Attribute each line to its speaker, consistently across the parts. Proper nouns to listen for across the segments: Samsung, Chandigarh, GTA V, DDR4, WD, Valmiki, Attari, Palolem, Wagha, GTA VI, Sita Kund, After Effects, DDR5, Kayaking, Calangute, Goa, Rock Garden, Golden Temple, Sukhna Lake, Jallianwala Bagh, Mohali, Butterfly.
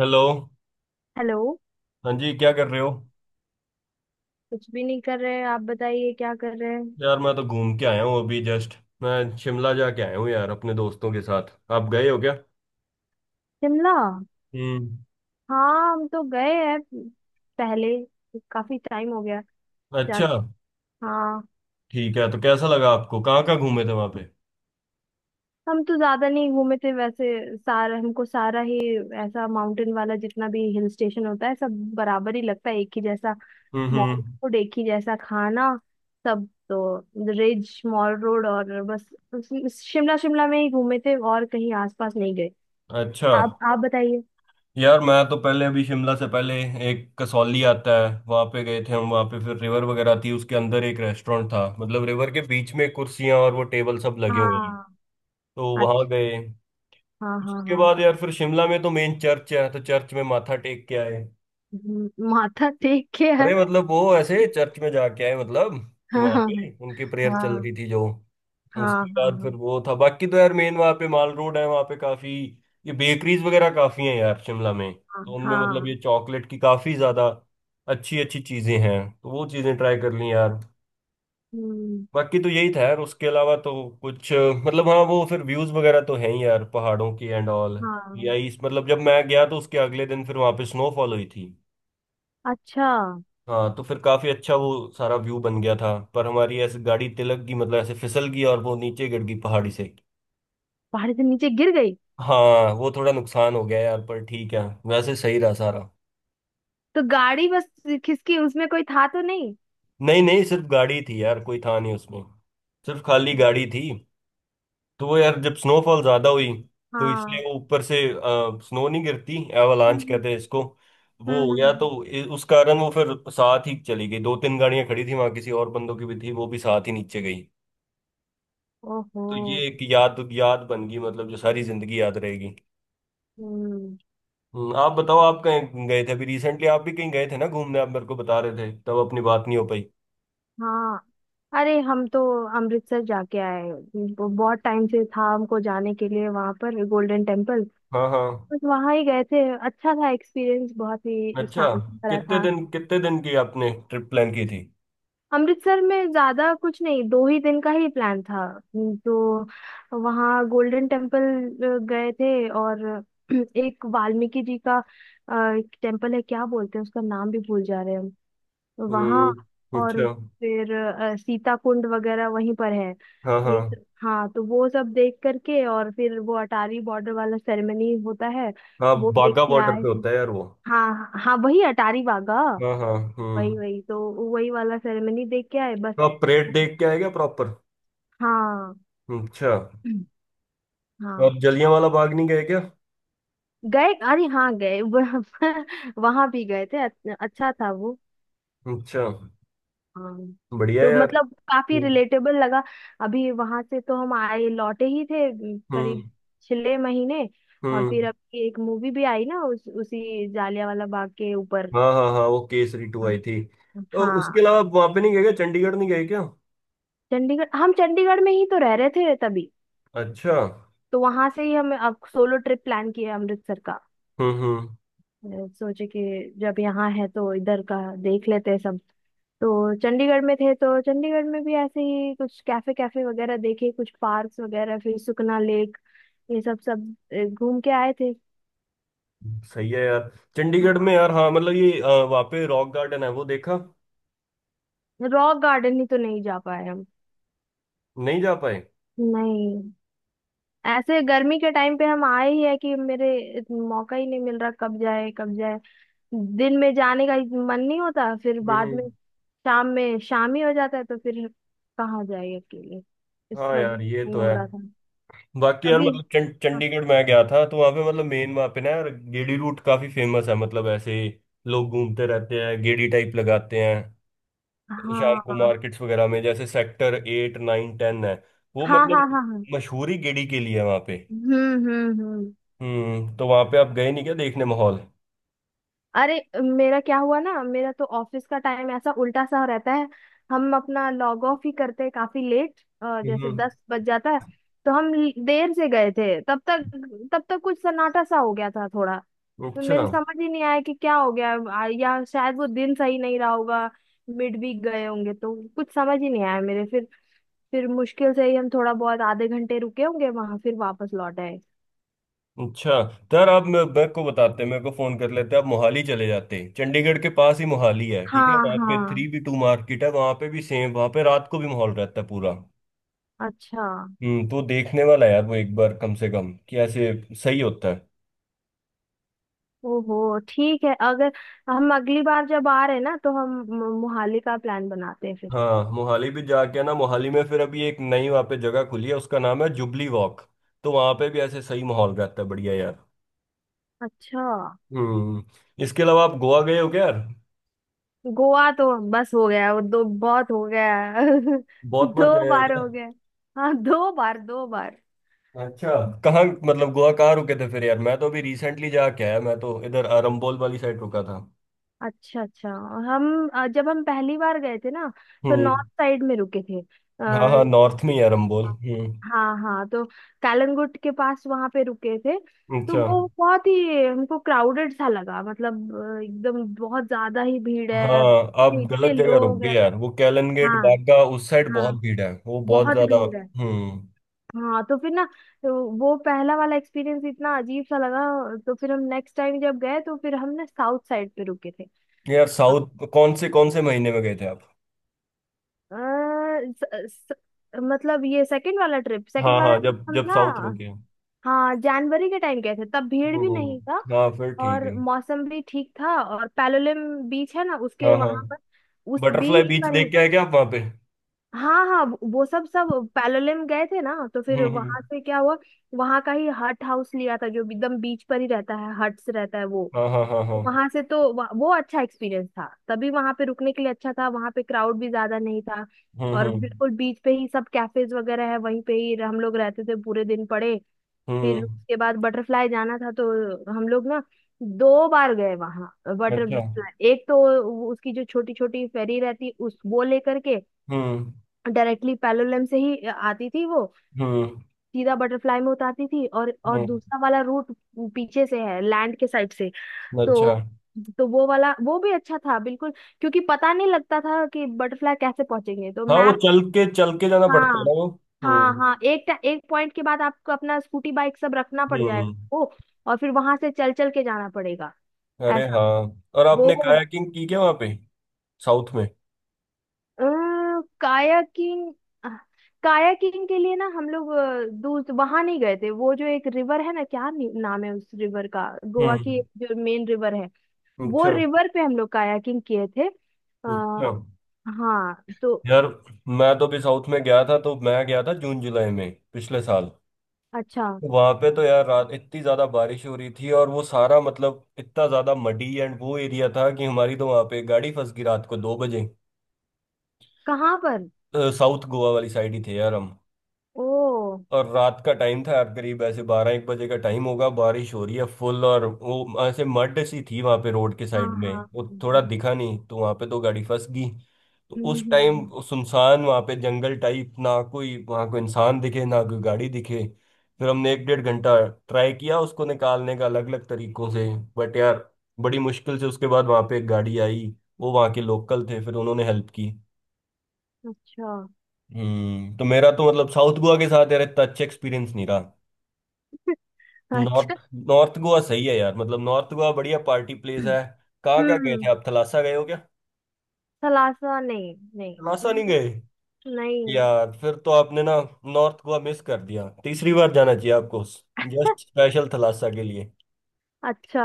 Speaker 1: Hello.
Speaker 2: Hello.
Speaker 1: हाँ जी, क्या कर रहे हो?
Speaker 2: कुछ भी नहीं कर रहे। आप बताइए क्या कर रहे हैं।
Speaker 1: यार मैं तो घूम के आया हूँ अभी जस्ट। मैं शिमला जाके आया हूँ यार अपने दोस्तों के साथ। आप गए हो क्या?
Speaker 2: शिमला।
Speaker 1: हम्म।
Speaker 2: हाँ, हम तो गए हैं पहले। काफी टाइम हो गया
Speaker 1: अच्छा।
Speaker 2: जाके। हाँ।
Speaker 1: ठीक है, तो कैसा लगा आपको? कहाँ कहाँ घूमे थे वहाँ पे?
Speaker 2: हम तो ज्यादा नहीं घूमे थे वैसे। सारा हमको सारा ही ऐसा माउंटेन वाला, जितना भी हिल स्टेशन होता है सब बराबर ही लगता है, एक ही जैसा। मॉल
Speaker 1: हम्म।
Speaker 2: रोड एक ही जैसा, खाना सब तो। रिज, मॉल रोड और बस। उस- शिमला शिमला में ही घूमे थे और कहीं आसपास नहीं गए।
Speaker 1: अच्छा।
Speaker 2: आप बताइए।
Speaker 1: यार मैं तो पहले, अभी शिमला से पहले एक कसौली आता है वहाँ पे गए थे हम। वहाँ पे फिर रिवर वगैरह थी, उसके अंदर एक रेस्टोरेंट था मतलब रिवर के बीच में कुर्सियाँ और वो टेबल सब लगे हुए हैं।
Speaker 2: हाँ।
Speaker 1: तो वहाँ
Speaker 2: अच्छा।
Speaker 1: गए।
Speaker 2: हाँ हाँ
Speaker 1: उसके
Speaker 2: हाँ।
Speaker 1: बाद यार फिर शिमला में तो मेन चर्च है, तो चर्च में माथा टेक के आए।
Speaker 2: माथा टेक के है।
Speaker 1: अरे मतलब वो ऐसे चर्च में जाके आए मतलब कि
Speaker 2: हाँ
Speaker 1: वहां
Speaker 2: हाँ
Speaker 1: पे उनकी प्रेयर चल
Speaker 2: हाँ
Speaker 1: रही थी जो।
Speaker 2: हाँ
Speaker 1: उसके
Speaker 2: हाँ
Speaker 1: बाद फिर
Speaker 2: हाँ
Speaker 1: वो था, बाकी तो यार मेन वहां पे माल रोड है, वहां पे काफी ये बेकरीज वगैरह काफी हैं यार शिमला में।
Speaker 2: हाँ
Speaker 1: तो उनमें मतलब
Speaker 2: हाँ,
Speaker 1: ये चॉकलेट की काफी ज्यादा अच्छी अच्छी चीजें हैं, तो वो चीजें ट्राई कर ली यार।
Speaker 2: हम्म।
Speaker 1: बाकी तो यही था यार उसके अलावा तो। कुछ मतलब हाँ, वो फिर व्यूज वगैरह तो है ही यार पहाड़ों की एंड ऑल।
Speaker 2: हाँ।
Speaker 1: या इस मतलब जब मैं गया तो उसके अगले दिन फिर वहां पे स्नोफॉल हुई थी।
Speaker 2: अच्छा।
Speaker 1: हाँ, तो फिर काफी अच्छा वो सारा व्यू बन गया था। पर हमारी ऐसे गाड़ी तिलक की मतलब ऐसे फिसल गई और वो नीचे गिर गई पहाड़ी से।
Speaker 2: पहाड़ी से नीचे गिर गई?
Speaker 1: हाँ, वो थोड़ा नुकसान हो गया यार, पर ठीक है। वैसे सही रहा सारा।
Speaker 2: तो गाड़ी बस खिसकी, उसमें कोई था तो नहीं?
Speaker 1: नहीं नहीं, सिर्फ गाड़ी थी यार, कोई था नहीं उसमें। सिर्फ खाली गाड़ी थी। तो वो यार जब स्नोफॉल ज्यादा हुई तो इसलिए
Speaker 2: हाँ।
Speaker 1: वो ऊपर से स्नो नहीं गिरती, एवालांच
Speaker 2: हम्म
Speaker 1: कहते हैं इसको।
Speaker 2: हम्म
Speaker 1: वो
Speaker 2: हम्म,
Speaker 1: हो
Speaker 2: हम्म,
Speaker 1: गया, तो
Speaker 2: हम्म।
Speaker 1: उस कारण वो फिर साथ ही चली गई। दो तीन गाड़ियां खड़ी थी वहां किसी और बंदों की भी थी, वो भी साथ ही नीचे गई।
Speaker 2: ओहो।
Speaker 1: तो ये एक याद याद बन गई मतलब जो सारी जिंदगी याद रहेगी।
Speaker 2: हम्म।
Speaker 1: आप बताओ, आप कहीं गए थे अभी रिसेंटली? आप भी कहीं गए थे ना घूमने, आप मेरे को बता रहे थे, तब अपनी बात नहीं हो पाई।
Speaker 2: हाँ। अरे हम तो अमृतसर जाके आए। वो बहुत टाइम से था हमको जाने के लिए, वहां पर गोल्डन टेम्पल।
Speaker 1: हाँ हाँ।
Speaker 2: बस वहां ही गए थे। अच्छा था एक्सपीरियंस, बहुत ही
Speaker 1: अच्छा।
Speaker 2: शांति भरा
Speaker 1: कितने
Speaker 2: था।
Speaker 1: दिन कितने दिन की आपने ट्रिप प्लान की थी?
Speaker 2: अमृतसर में ज्यादा कुछ नहीं, दो ही दिन का ही प्लान था। तो वहाँ गोल्डन टेम्पल गए थे, और एक वाल्मीकि जी का टेम्पल है, क्या बोलते हैं उसका नाम, भी भूल जा रहे हैं हम। वहाँ
Speaker 1: हम्म।
Speaker 2: और
Speaker 1: अच्छा।
Speaker 2: फिर सीता कुंड वगैरह वहीं पर है।
Speaker 1: हाँ हाँ
Speaker 2: हाँ, तो वो सब देख करके, और फिर वो अटारी बॉर्डर वाला सेरेमनी होता है,
Speaker 1: हाँ,
Speaker 2: वो देख
Speaker 1: बागा
Speaker 2: के
Speaker 1: बॉर्डर
Speaker 2: आए
Speaker 1: पे
Speaker 2: थे।
Speaker 1: होता है यार वो।
Speaker 2: हाँ हाँ, वही अटारी वाघा।
Speaker 1: हाँ हाँ।
Speaker 2: वही
Speaker 1: हम्म।
Speaker 2: वही तो। वही वाला सेरेमनी देख के आए बस।
Speaker 1: तो आप परेड देख के आए क्या प्रॉपर?
Speaker 2: हाँ
Speaker 1: अच्छा। तो
Speaker 2: हाँ।
Speaker 1: आप जलियांवाला बाग नहीं गए क्या?
Speaker 2: गए, अरे हाँ गए। वहां भी गए थे। अच्छा था वो।
Speaker 1: अच्छा।
Speaker 2: हाँ।
Speaker 1: बढ़िया
Speaker 2: तो
Speaker 1: यार।
Speaker 2: मतलब काफी
Speaker 1: हम्म
Speaker 2: रिलेटेबल लगा। अभी वहां से तो हम आए लौटे ही थे
Speaker 1: हम्म
Speaker 2: करीब 6 महीने। और फिर
Speaker 1: हम्म।
Speaker 2: अभी एक मूवी भी आई ना, उसी जालियांवाला बाग के ऊपर।
Speaker 1: हाँ हाँ हाँ, वो केसरी 2
Speaker 2: हाँ।
Speaker 1: आई थी। और उसके
Speaker 2: हाँ।
Speaker 1: अलावा आप वहां पे नहीं गए क्या? चंडीगढ़ नहीं गए क्या?
Speaker 2: चंडीगढ़, हम चंडीगढ़ में ही तो रह रहे थे तभी।
Speaker 1: अच्छा।
Speaker 2: तो वहां से ही हम अब सोलो ट्रिप प्लान किया अमृतसर का।
Speaker 1: हम्म।
Speaker 2: मैं सोचे कि जब यहाँ है तो इधर का देख लेते हैं सब। तो चंडीगढ़ में थे तो चंडीगढ़ में भी ऐसे ही कुछ कैफे कैफे वगैरह देखे, कुछ पार्क्स वगैरह, फिर सुखना लेक, ये सब सब घूम के आए थे।
Speaker 1: सही है यार।
Speaker 2: हाँ,
Speaker 1: चंडीगढ़ में यार, हाँ मतलब ये वहाँ पे रॉक गार्डन है, वो देखा?
Speaker 2: रॉक गार्डन ही तो नहीं जा पाए हम।
Speaker 1: नहीं जा पाए?
Speaker 2: नहीं। ऐसे गर्मी के टाइम पे हम आए ही है कि, मेरे मौका ही नहीं मिल रहा, कब जाए कब जाए। दिन में जाने का मन नहीं होता, फिर
Speaker 1: हम्म
Speaker 2: बाद
Speaker 1: हम्म।
Speaker 2: में शाम ही हो जाता है, तो फिर कहाँ जाए अकेले? इस
Speaker 1: हाँ
Speaker 2: वजह से
Speaker 1: यार, ये
Speaker 2: नहीं
Speaker 1: तो
Speaker 2: हो
Speaker 1: है।
Speaker 2: रहा था
Speaker 1: बाकी यार
Speaker 2: कभी।
Speaker 1: मतलब
Speaker 2: हाँ
Speaker 1: चंडीगढ़ मैं गया था तो वहाँ पे मतलब मेन वहाँ पे ना यार गेड़ी रूट काफी फेमस है। मतलब ऐसे ही लोग घूमते रहते हैं, गेड़ी टाइप लगाते हैं। शाम को
Speaker 2: हाँ
Speaker 1: मार्केट्स वगैरह में, जैसे सेक्टर 8, 9, 10 है, वो
Speaker 2: हाँ हाँ
Speaker 1: मतलब
Speaker 2: हाँ हाँ।
Speaker 1: मशहूरी गेड़ी के लिए है वहाँ पे।
Speaker 2: हम्म।
Speaker 1: हम्म। तो वहां पे आप गए नहीं क्या देखने माहौल?
Speaker 2: अरे मेरा क्या हुआ ना, मेरा तो ऑफिस का टाइम ऐसा उल्टा सा रहता है। हम अपना लॉग ऑफ ही करते हैं काफी लेट, जैसे
Speaker 1: हम्म।
Speaker 2: 10 बज जाता है। तो हम देर से गए थे, तब तक कुछ सन्नाटा सा हो गया था थोड़ा। तो
Speaker 1: अच्छा।
Speaker 2: मेरे समझ ही नहीं आया कि क्या हो गया। या शायद वो दिन सही नहीं रहा होगा। मिड वीक गए होंगे तो कुछ समझ ही नहीं आया मेरे। फिर मुश्किल से ही हम थोड़ा बहुत आधे घंटे रुके होंगे वहां, फिर वापस लौट आए।
Speaker 1: अच्छा यार, आप मेरे को बताते, मेरे को फोन कर लेते। आप मोहाली चले जाते, चंडीगढ़ के पास ही मोहाली है। ठीक है,
Speaker 2: हाँ
Speaker 1: वहां पे
Speaker 2: हाँ।
Speaker 1: 3B2 मार्केट है, वहां पे भी सेम वहां पे रात को भी माहौल रहता है पूरा।
Speaker 2: अच्छा।
Speaker 1: हम्म। तो देखने वाला है यार वो एक बार कम से कम, कि ऐसे सही होता है।
Speaker 2: ओहो, ठीक है। अगर हम अगली बार जब आ रहे हैं ना, तो हम मोहाली का प्लान बनाते हैं फिर।
Speaker 1: हाँ, मोहाली भी जाके ना, मोहाली में फिर अभी एक नई वहां पे जगह खुली है, उसका नाम है जुबली वॉक। तो वहां पे भी ऐसे सही माहौल रहता है, बढ़िया यार।
Speaker 2: अच्छा।
Speaker 1: हम्म। इसके अलावा आप गोवा गए हो क्या यार?
Speaker 2: गोवा तो बस हो गया वो, दो बहुत हो गया।
Speaker 1: बहुत बार
Speaker 2: दो
Speaker 1: जाया है
Speaker 2: बार
Speaker 1: क्या?
Speaker 2: हो गया। हाँ, दो बार दो बार।
Speaker 1: अच्छा। कहाँ मतलब गोवा कहाँ रुके थे फिर यार? मैं तो अभी रिसेंटली जाके आया, मैं तो इधर अरम्बोल वाली साइड रुका था।
Speaker 2: अच्छा। अच्छा। हम जब हम पहली बार गए थे ना तो
Speaker 1: हम्म।
Speaker 2: नॉर्थ साइड में रुके थे।
Speaker 1: हाँ
Speaker 2: आ,
Speaker 1: हाँ, नॉर्थ में ही है अरम्बोल। हम्म।
Speaker 2: हाँ हाँ। तो कालनगुट के पास वहां पे रुके थे। तो
Speaker 1: अच्छा।
Speaker 2: वो बहुत ही हमको क्राउडेड सा लगा, मतलब एकदम बहुत ज्यादा ही भीड़ है,
Speaker 1: हाँ, आप
Speaker 2: इतने
Speaker 1: गलत
Speaker 2: इतने
Speaker 1: जगह रुक
Speaker 2: लोग
Speaker 1: गए
Speaker 2: हैं।
Speaker 1: यार। वो कैलन गेट
Speaker 2: हाँ
Speaker 1: बागा उस साइड बहुत
Speaker 2: हाँ,
Speaker 1: भीड़ है, वो बहुत
Speaker 2: बहुत
Speaker 1: ज्यादा।
Speaker 2: भीड़ है।
Speaker 1: हम्म।
Speaker 2: हाँ तो फिर ना, तो वो पहला वाला एक्सपीरियंस इतना अजीब सा लगा। तो फिर हम नेक्स्ट टाइम जब गए तो फिर हम ना साउथ साइड पे रुके थे।
Speaker 1: यार साउथ कौन से महीने में गए थे आप?
Speaker 2: अ, स, स, मतलब ये सेकंड वाला ट्रिप, सेकंड
Speaker 1: हाँ
Speaker 2: वाला
Speaker 1: हाँ,
Speaker 2: ट्रिप
Speaker 1: जब
Speaker 2: हम
Speaker 1: जब
Speaker 2: ना।
Speaker 1: साउथ रुके।
Speaker 2: हाँ, जनवरी के टाइम गए थे, तब भीड़ भी
Speaker 1: हम्म,
Speaker 2: नहीं था
Speaker 1: हाँ फिर ठीक
Speaker 2: और
Speaker 1: है।
Speaker 2: मौसम भी ठीक था। और पैलोलिम बीच है ना उसके
Speaker 1: हाँ हाँ।
Speaker 2: वहां पर, उस
Speaker 1: बटरफ्लाई
Speaker 2: बीच
Speaker 1: बीच
Speaker 2: पर ही।
Speaker 1: देख के आए क्या आप वहाँ पे?
Speaker 2: हाँ हाँ। वो सब सब पैलोलिम गए थे ना, तो फिर
Speaker 1: हम्म।
Speaker 2: वहां से क्या हुआ, वहां का ही हट हाउस लिया था जो एकदम बीच पर ही रहता है, हट्स रहता है वो।
Speaker 1: हाँ हाँ हाँ हाँ।
Speaker 2: वहां से तो वो अच्छा एक्सपीरियंस था, तभी वहां पे रुकने के लिए अच्छा था, वहां पे क्राउड भी ज्यादा नहीं था।
Speaker 1: हम्म
Speaker 2: और
Speaker 1: हम्म
Speaker 2: बिल्कुल बीच पे ही सब कैफेज वगैरह है, वहीं पे ही हम लोग रहते थे पूरे दिन पड़े। फिर
Speaker 1: हम्म।
Speaker 2: उसके बाद बटरफ्लाई जाना था, तो हम लोग ना दो बार गए वहां
Speaker 1: अच्छा।
Speaker 2: बटरफ्लाई। एक तो उसकी जो छोटी छोटी फेरी रहती, उस वो लेकर के
Speaker 1: हम्म
Speaker 2: डायरेक्टली पैलोलम से ही आती थी वो,
Speaker 1: हम्म
Speaker 2: सीधा बटरफ्लाई में उतारती थी। और
Speaker 1: हम्म।
Speaker 2: दूसरा वाला रूट पीछे से है, लैंड के साइड से तो।
Speaker 1: अच्छा।
Speaker 2: तो वो वाला, वो भी अच्छा था बिल्कुल। क्योंकि पता नहीं लगता था कि बटरफ्लाई कैसे पहुंचेंगे, तो
Speaker 1: हाँ, वो
Speaker 2: मैप।
Speaker 1: चल के जाना पड़ता है ना
Speaker 2: हाँ
Speaker 1: वो।
Speaker 2: हाँ
Speaker 1: हम्म
Speaker 2: हाँ। एक पॉइंट के बाद आपको अपना स्कूटी बाइक सब रखना पड़ जाएगा
Speaker 1: हम्म।
Speaker 2: वो। और फिर वहां से चल चल के जाना पड़ेगा।
Speaker 1: अरे
Speaker 2: ऐसा
Speaker 1: हाँ, और आपने
Speaker 2: वो
Speaker 1: कायाकिंग की क्या वहाँ पे? साउथ में।
Speaker 2: कायाकिंग। कायाकिंग के लिए ना, हम लोग दूर वहां नहीं गए थे, वो जो एक रिवर है ना, क्या नाम है उस रिवर का, गोवा की
Speaker 1: हम्म।
Speaker 2: जो मेन रिवर है, वो
Speaker 1: अच्छा।
Speaker 2: रिवर पे हम लोग कायाकिंग किए थे।
Speaker 1: अच्छा
Speaker 2: हाँ तो।
Speaker 1: यार, मैं तो भी साउथ में गया था, तो मैं गया था जून जुलाई में पिछले साल।
Speaker 2: अच्छा।
Speaker 1: वहां पे तो यार रात इतनी ज्यादा बारिश हो रही थी और वो सारा मतलब इतना ज्यादा मडी एंड वो एरिया था कि हमारी तो वहां पे गाड़ी फंस गई रात को 2 बजे।
Speaker 2: कहाँ पर?
Speaker 1: साउथ गोवा वाली साइड ही थे यार हम।
Speaker 2: ओ।
Speaker 1: और रात का टाइम था यार, करीब ऐसे बारह एक बजे का टाइम होगा, बारिश हो रही है फुल और वो ऐसे मड सी थी वहां पे रोड के
Speaker 2: हाँ
Speaker 1: साइड
Speaker 2: हाँ
Speaker 1: में, वो
Speaker 2: हाँ,
Speaker 1: थोड़ा
Speaker 2: हाँ।
Speaker 1: दिखा नहीं, तो वहां पे तो गाड़ी फंस गई। तो उस टाइम
Speaker 2: हम्म।
Speaker 1: सुनसान वहां पे जंगल टाइप, ना कोई वहां कोई इंसान दिखे ना कोई गाड़ी दिखे। फिर हमने एक डेढ़ घंटा ट्राई किया उसको निकालने का अलग अलग तरीकों से। बट यार, बड़ी मुश्किल से उसके बाद वहां पे एक गाड़ी आई, वो वहां के लोकल थे, फिर उन्होंने हेल्प की।
Speaker 2: अच्छा।
Speaker 1: हम्म। तो मेरा तो मतलब साउथ गोवा के साथ यार इतना अच्छा एक्सपीरियंस नहीं रहा।
Speaker 2: अच्छा।
Speaker 1: नॉर्थ नॉर्थ गोवा सही है यार। मतलब नॉर्थ गोवा बढ़िया पार्टी प्लेस है। कहाँ कहाँ गए
Speaker 2: हम्म।
Speaker 1: थे आप? थलासा गए हो क्या?
Speaker 2: सलासा, नहीं नहीं।
Speaker 1: थलासा नहीं
Speaker 2: हम्म,
Speaker 1: गए?
Speaker 2: नहीं।
Speaker 1: यार फिर तो आपने ना नॉर्थ गोवा मिस कर दिया। तीसरी बार जाना चाहिए आपको जस्ट स्पेशल थलासा के लिए।
Speaker 2: अच्छा।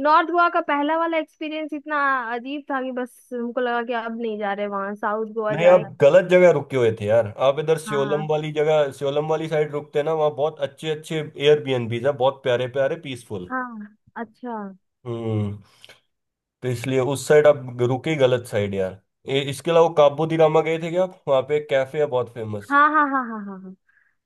Speaker 2: नॉर्थ गोवा का पहला वाला एक्सपीरियंस इतना अजीब था कि बस हमको लगा कि अब नहीं जा रहे वहां, साउथ गोवा
Speaker 1: नहीं, आप
Speaker 2: जाए।
Speaker 1: गलत जगह रुके हुए थे यार। आप इधर श्योलम
Speaker 2: हाँ
Speaker 1: वाली जगह, श्योलम वाली साइड रुकते ना, वहाँ बहुत अच्छे अच्छे एयरबीएनबीज है, बहुत प्यारे प्यारे, पीसफुल।
Speaker 2: हाँ। अच्छा।
Speaker 1: हम्म। तो इसलिए उस साइड आप रुके, गलत साइड यार। इसके अलावा काबू दी रामा गए थे क्या आप वहाँ पे? एक कैफे है बहुत फेमस।
Speaker 2: हाँ हाँ हाँ हाँ हाँ हाँ।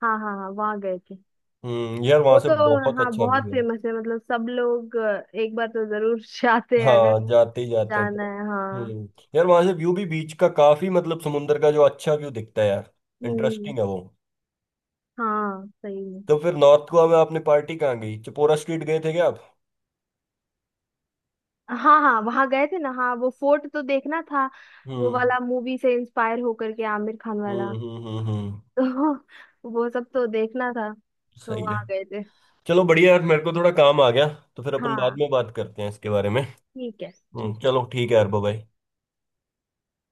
Speaker 2: हाँ हाँ हाँ, वहाँ गए थे।
Speaker 1: हम्म, यार वहां
Speaker 2: वो
Speaker 1: से
Speaker 2: तो
Speaker 1: बहुत
Speaker 2: हाँ,
Speaker 1: अच्छा
Speaker 2: बहुत
Speaker 1: व्यू है।
Speaker 2: फेमस है, मतलब सब लोग एक बार तो जरूर जाते हैं, अगर
Speaker 1: हाँ, जाते ही जाते हैं।
Speaker 2: जाना है। हाँ।
Speaker 1: हम्म। यार वहां से व्यू भी बीच का काफी, मतलब समुंदर का जो अच्छा व्यू दिखता है यार।
Speaker 2: हम्म।
Speaker 1: इंटरेस्टिंग है वो।
Speaker 2: हाँ, सही में।
Speaker 1: तो फिर नॉर्थ गोवा में आपने पार्टी कहाँ गई, चिपोरा स्ट्रीट गए थे क्या आप?
Speaker 2: हाँ हाँ, वहां गए थे ना। हाँ, वो फोर्ट तो देखना था, वो
Speaker 1: हम्म
Speaker 2: वाला मूवी से इंस्पायर होकर के, आमिर खान
Speaker 1: हम्म
Speaker 2: वाला।
Speaker 1: हम्म हम्म हम्म,
Speaker 2: तो वो सब तो देखना था, तो
Speaker 1: सही है।
Speaker 2: वहां गए थे।
Speaker 1: चलो बढ़िया यार, मेरे को थोड़ा काम आ गया। तो फिर अपन बाद
Speaker 2: हाँ
Speaker 1: में बात करते हैं इसके बारे में।
Speaker 2: ठीक है। ठीक
Speaker 1: हम्म,
Speaker 2: है।
Speaker 1: चलो ठीक है यार, बाय।